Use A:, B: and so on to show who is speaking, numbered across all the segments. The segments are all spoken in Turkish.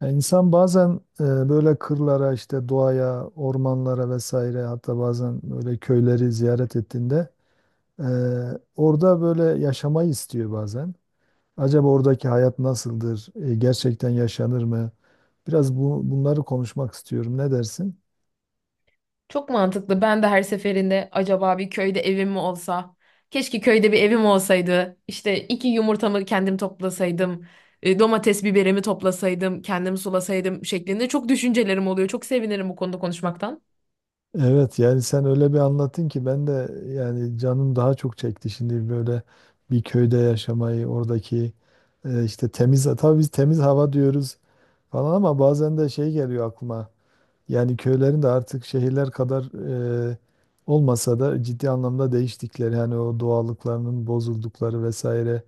A: Yani insan bazen böyle kırlara işte doğaya, ormanlara vesaire, hatta bazen böyle köyleri ziyaret ettiğinde e, orada böyle yaşamayı istiyor bazen. Acaba oradaki hayat nasıldır? E, gerçekten yaşanır mı? Biraz bu, bunları konuşmak istiyorum. Ne dersin?
B: Çok mantıklı. Ben de her seferinde acaba bir köyde evim mi olsa? Keşke köyde bir evim olsaydı. İşte iki yumurtamı kendim toplasaydım. Domates biberimi toplasaydım, kendim sulasaydım şeklinde çok düşüncelerim oluyor. Çok sevinirim bu konuda konuşmaktan.
A: Evet, yani sen öyle bir anlattın ki ben de yani canım daha çok çekti şimdi böyle bir köyde yaşamayı. Oradaki işte temiz, tabii biz temiz hava diyoruz falan, ama bazen de şey geliyor aklıma. Yani köylerin de artık şehirler kadar e, olmasa da ciddi anlamda değiştikleri, hani o doğallıklarının bozuldukları vesaire.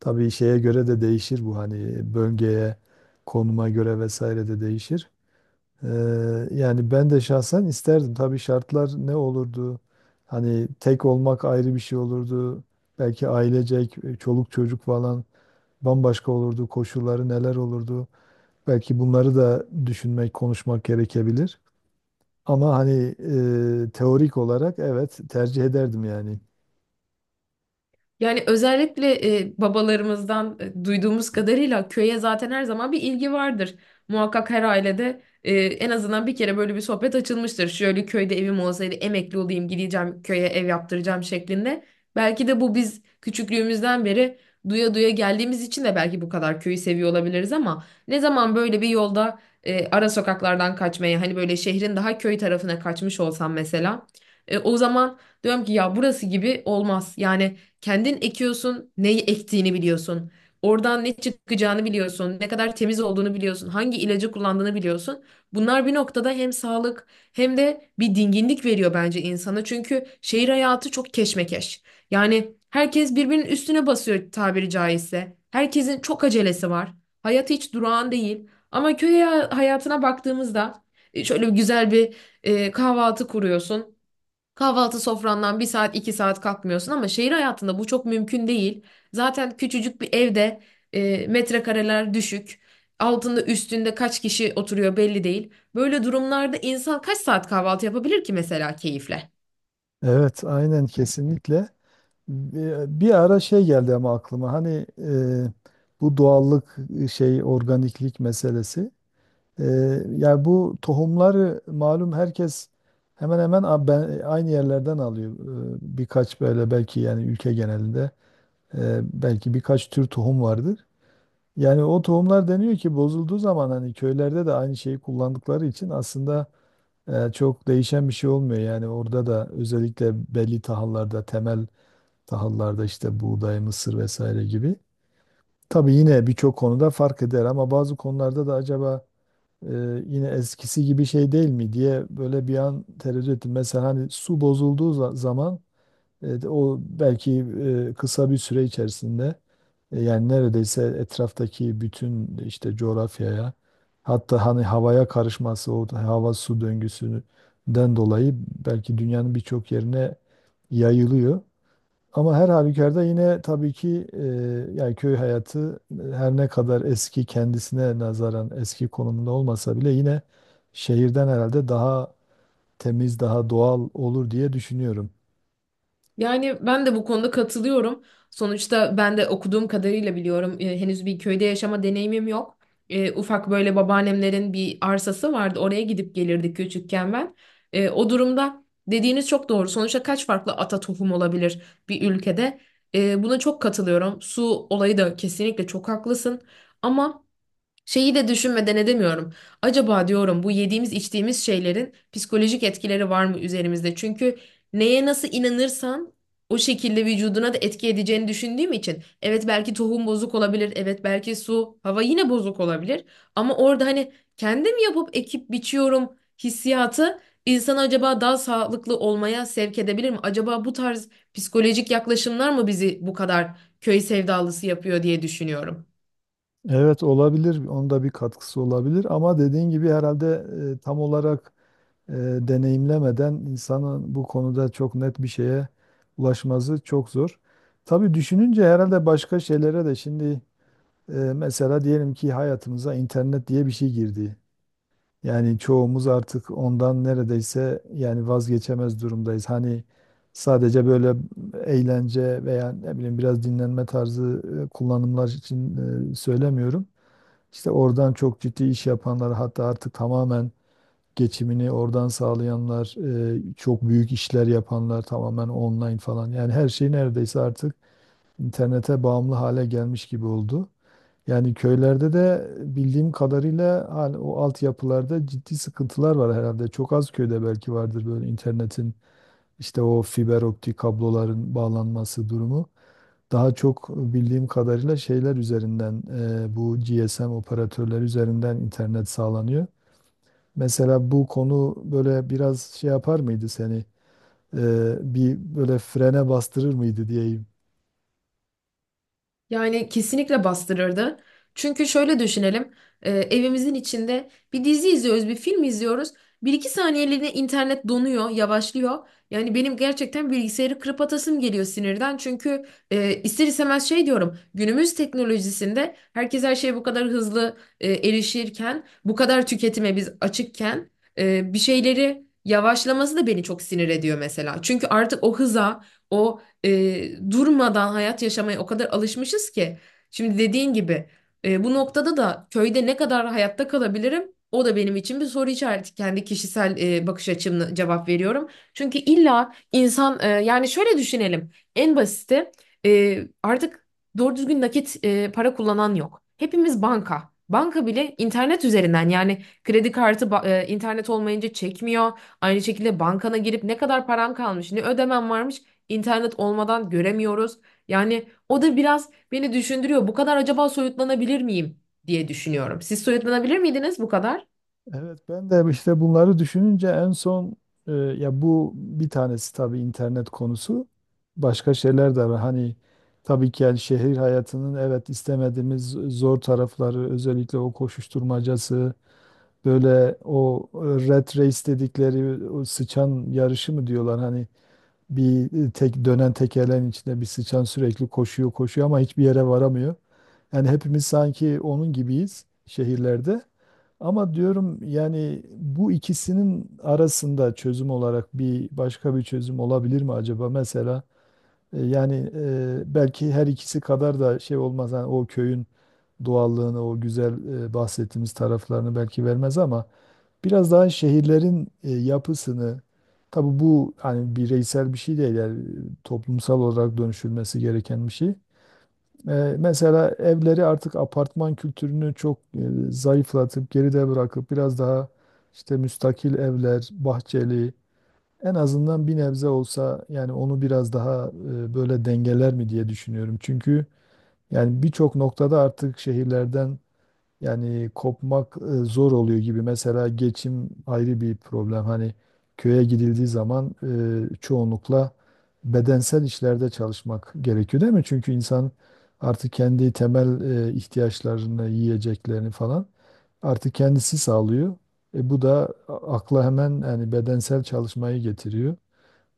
A: Tabii şeye göre de değişir bu, hani bölgeye, konuma göre vesaire de değişir. E, yani ben de şahsen isterdim. Tabii şartlar ne olurdu? Hani tek olmak ayrı bir şey olurdu. Belki ailecek, çoluk çocuk falan bambaşka olurdu. Koşulları neler olurdu? Belki bunları da düşünmek, konuşmak gerekebilir. Ama hani teorik olarak evet, tercih ederdim yani.
B: Yani özellikle babalarımızdan duyduğumuz kadarıyla köye zaten her zaman bir ilgi vardır. Muhakkak her ailede en azından bir kere böyle bir sohbet açılmıştır. Şöyle köyde evim olsaydı emekli olayım gideceğim köye ev yaptıracağım şeklinde. Belki de bu biz küçüklüğümüzden beri duya duya geldiğimiz için de belki bu kadar köyü seviyor olabiliriz ama ne zaman böyle bir yolda ara sokaklardan kaçmaya hani böyle şehrin daha köy tarafına kaçmış olsam mesela, o zaman diyorum ki ya burası gibi olmaz. Yani kendin ekiyorsun, neyi ektiğini biliyorsun. Oradan ne çıkacağını biliyorsun, ne kadar temiz olduğunu biliyorsun, hangi ilacı kullandığını biliyorsun. Bunlar bir noktada hem sağlık hem de bir dinginlik veriyor bence insana. Çünkü şehir hayatı çok keşmekeş. Yani herkes birbirinin üstüne basıyor tabiri caizse. Herkesin çok acelesi var. Hayat hiç durağan değil. Ama köy hayatına baktığımızda şöyle bir güzel bir kahvaltı kuruyorsun. Kahvaltı sofrandan bir saat iki saat kalkmıyorsun ama şehir hayatında bu çok mümkün değil. Zaten küçücük bir evde metrekareler düşük. Altında üstünde kaç kişi oturuyor belli değil. Böyle durumlarda insan kaç saat kahvaltı yapabilir ki mesela keyifle?
A: Evet, aynen, kesinlikle. Bir ara şey geldi ama aklıma, hani bu doğallık, şey, organiklik meselesi. E, yani bu tohumları malum herkes hemen hemen aynı yerlerden alıyor. E, birkaç böyle, belki yani ülke genelinde belki birkaç tür tohum vardır. Yani o tohumlar, deniyor ki bozulduğu zaman, hani köylerde de aynı şeyi kullandıkları için aslında E, çok değişen bir şey olmuyor. Yani orada da özellikle belli tahıllarda, temel tahıllarda, işte buğday, mısır vesaire gibi. Tabii yine birçok konuda fark eder, ama bazı konularda da acaba e, yine eskisi gibi şey değil mi diye böyle bir an tereddüt ettim. Mesela hani su bozulduğu zaman o belki kısa bir süre içerisinde, yani neredeyse etraftaki bütün işte coğrafyaya, hatta hani havaya karışması, o hava su döngüsünden dolayı belki dünyanın birçok yerine yayılıyor. Ama her halükarda yine tabii ki yani köy hayatı, her ne kadar eski kendisine nazaran eski konumunda olmasa bile, yine şehirden herhalde daha temiz, daha doğal olur diye düşünüyorum.
B: Yani ben de bu konuda katılıyorum. Sonuçta ben de okuduğum kadarıyla biliyorum. Henüz bir köyde yaşama deneyimim yok. E, ufak böyle babaannemlerin bir arsası vardı. Oraya gidip gelirdik küçükken ben. E, o durumda dediğiniz çok doğru. Sonuçta kaç farklı ata tohum olabilir bir ülkede? E, buna çok katılıyorum. Su olayı da kesinlikle çok haklısın. Ama şeyi de düşünmeden edemiyorum. Acaba diyorum bu yediğimiz içtiğimiz şeylerin psikolojik etkileri var mı üzerimizde? Çünkü neye nasıl inanırsan o şekilde vücuduna da etki edeceğini düşündüğüm için. Evet belki tohum bozuk olabilir. Evet belki su, hava yine bozuk olabilir. Ama orada hani kendim yapıp ekip biçiyorum hissiyatı insanı acaba daha sağlıklı olmaya sevk edebilir mi? Acaba bu tarz psikolojik yaklaşımlar mı bizi bu kadar köy sevdalısı yapıyor diye düşünüyorum.
A: Evet, olabilir. Onda bir katkısı olabilir, ama dediğin gibi herhalde tam olarak e, deneyimlemeden insanın bu konuda çok net bir şeye ulaşması çok zor. Tabii düşününce herhalde başka şeylere de şimdi, mesela diyelim ki hayatımıza internet diye bir şey girdi. Yani çoğumuz artık ondan neredeyse yani vazgeçemez durumdayız. Hani sadece böyle eğlence veya ne bileyim biraz dinlenme tarzı kullanımlar için söylemiyorum. İşte oradan çok ciddi iş yapanlar, hatta artık tamamen geçimini oradan sağlayanlar, çok büyük işler yapanlar tamamen online falan. Yani her şey neredeyse artık internete bağımlı hale gelmiş gibi oldu. Yani köylerde de bildiğim kadarıyla hani o altyapılarda ciddi sıkıntılar var herhalde. Çok az köyde belki vardır böyle internetin işte o fiber optik kabloların bağlanması durumu. Daha çok bildiğim kadarıyla şeyler üzerinden, bu GSM operatörleri üzerinden internet sağlanıyor. Mesela bu konu böyle biraz şey yapar mıydı seni? E, bir böyle frene bastırır mıydı diyeyim.
B: Yani kesinlikle bastırırdı. Çünkü şöyle düşünelim, evimizin içinde bir dizi izliyoruz, bir film izliyoruz. Bir iki saniyeliğine internet donuyor, yavaşlıyor. Yani benim gerçekten bilgisayarı kırıp atasım geliyor sinirden. Çünkü ister istemez şey diyorum, günümüz teknolojisinde herkes her şeye bu kadar hızlı erişirken, bu kadar tüketime biz açıkken bir şeyleri yavaşlaması da beni çok sinir ediyor mesela. Çünkü artık o hıza, o durmadan hayat yaşamaya o kadar alışmışız ki. Şimdi dediğin gibi bu noktada da köyde ne kadar hayatta kalabilirim? O da benim için bir soru işareti. Kendi kişisel bakış açımla cevap veriyorum. Çünkü illa insan yani şöyle düşünelim. En basiti, artık doğru düzgün nakit para kullanan yok. Hepimiz banka. Banka bile internet üzerinden yani kredi kartı internet olmayınca çekmiyor. Aynı şekilde bankana girip ne kadar param kalmış, ne ödemem varmış İnternet olmadan göremiyoruz. Yani o da biraz beni düşündürüyor. Bu kadar acaba soyutlanabilir miyim diye düşünüyorum. Siz soyutlanabilir miydiniz bu kadar?
A: Evet, ben de işte bunları düşününce en son ya bu bir tanesi tabii internet konusu. Başka şeyler de var. Hani tabii ki yani şehir hayatının, evet, istemediğimiz zor tarafları, özellikle o koşuşturmacası. Böyle o rat race dedikleri o sıçan yarışı mı diyorlar hani, bir tek dönen tekerleğin içinde bir sıçan sürekli koşuyor koşuyor ama hiçbir yere varamıyor. Yani hepimiz sanki onun gibiyiz şehirlerde. Ama diyorum yani bu ikisinin arasında çözüm olarak bir başka bir çözüm olabilir mi acaba? Mesela yani, belki her ikisi kadar da şey olmaz, hani o köyün doğallığını, o güzel bahsettiğimiz taraflarını belki vermez ama biraz daha şehirlerin yapısını, tabii bu hani bireysel bir şey değil, yani toplumsal olarak dönüşülmesi gereken bir şey. E, mesela evleri, artık apartman kültürünü çok zayıflatıp geride bırakıp biraz daha işte müstakil evler, bahçeli, en azından bir nebze olsa yani onu biraz daha böyle dengeler mi diye düşünüyorum. Çünkü yani birçok noktada artık şehirlerden yani kopmak zor oluyor gibi. Mesela geçim ayrı bir problem. Hani köye gidildiği zaman çoğunlukla bedensel işlerde çalışmak gerekiyor değil mi? Çünkü insan artık kendi temel ihtiyaçlarını, yiyeceklerini falan artık kendisi sağlıyor. E, bu da akla hemen yani bedensel çalışmayı getiriyor.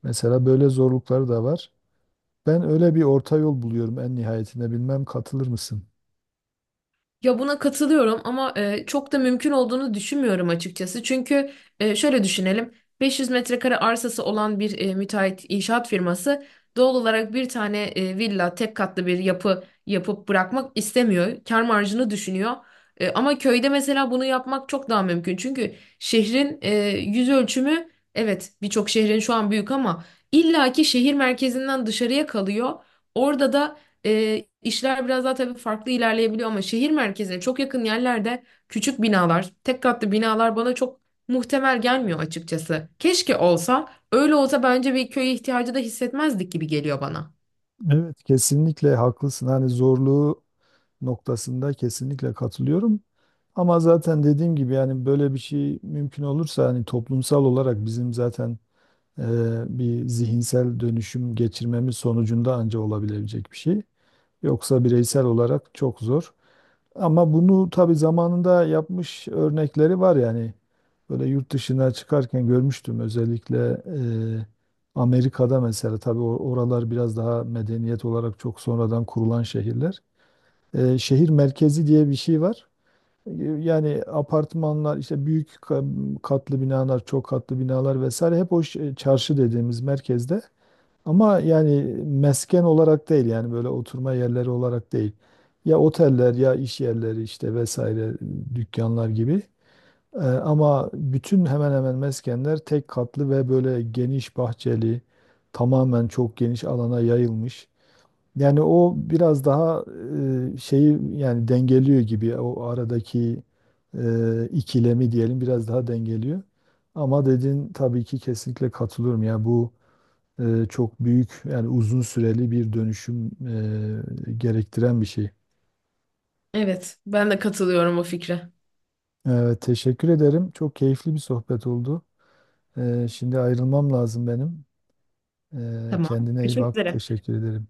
A: Mesela böyle zorlukları da var. Ben öyle bir orta yol buluyorum en nihayetinde. Bilmem katılır mısın?
B: Ya buna katılıyorum ama çok da mümkün olduğunu düşünmüyorum açıkçası. Çünkü şöyle düşünelim. 500 metrekare arsası olan bir müteahhit inşaat firması doğal olarak bir tane villa, tek katlı bir yapı yapıp bırakmak istemiyor. Kâr marjını düşünüyor. E, ama köyde mesela bunu yapmak çok daha mümkün. Çünkü şehrin yüz ölçümü evet birçok şehrin şu an büyük ama illaki şehir merkezinden dışarıya kalıyor. Orada da işler biraz daha tabii farklı ilerleyebiliyor ama şehir merkezine çok yakın yerlerde küçük binalar, tek katlı binalar bana çok muhtemel gelmiyor açıkçası. Keşke olsa, öyle olsa bence bir köye ihtiyacı da hissetmezdik gibi geliyor bana.
A: Evet. Kesinlikle haklısın. Hani zorluğu noktasında kesinlikle katılıyorum. Ama zaten dediğim gibi yani böyle bir şey mümkün olursa hani toplumsal olarak bizim zaten e, bir zihinsel dönüşüm geçirmemiz sonucunda anca olabilecek bir şey. Yoksa bireysel olarak çok zor. Ama bunu tabii zamanında yapmış örnekleri var yani. Böyle yurt dışına çıkarken görmüştüm özellikle e, Amerika'da mesela, tabii oralar biraz daha medeniyet olarak çok sonradan kurulan şehirler. E, şehir merkezi diye bir şey var. E, yani apartmanlar, işte büyük katlı binalar, çok katlı binalar vesaire hep o çarşı dediğimiz merkezde, ama yani mesken olarak değil, yani böyle oturma yerleri olarak değil. Ya oteller, ya iş yerleri işte vesaire, dükkanlar gibi. Ama bütün hemen hemen meskenler tek katlı ve böyle geniş bahçeli, tamamen çok geniş alana yayılmış. Yani o biraz daha şeyi, yani dengeliyor gibi o aradaki ikilemi, diyelim, biraz daha dengeliyor. Ama dediğin, tabii ki kesinlikle katılıyorum ya, bu çok büyük, yani uzun süreli bir dönüşüm gerektiren bir şey.
B: Evet, ben de katılıyorum o fikre.
A: Evet, teşekkür ederim. Çok keyifli bir sohbet oldu. E, şimdi ayrılmam lazım benim. E,
B: Tamam.
A: kendine iyi
B: Görüşmek
A: bak.
B: üzere.
A: Teşekkür ederim.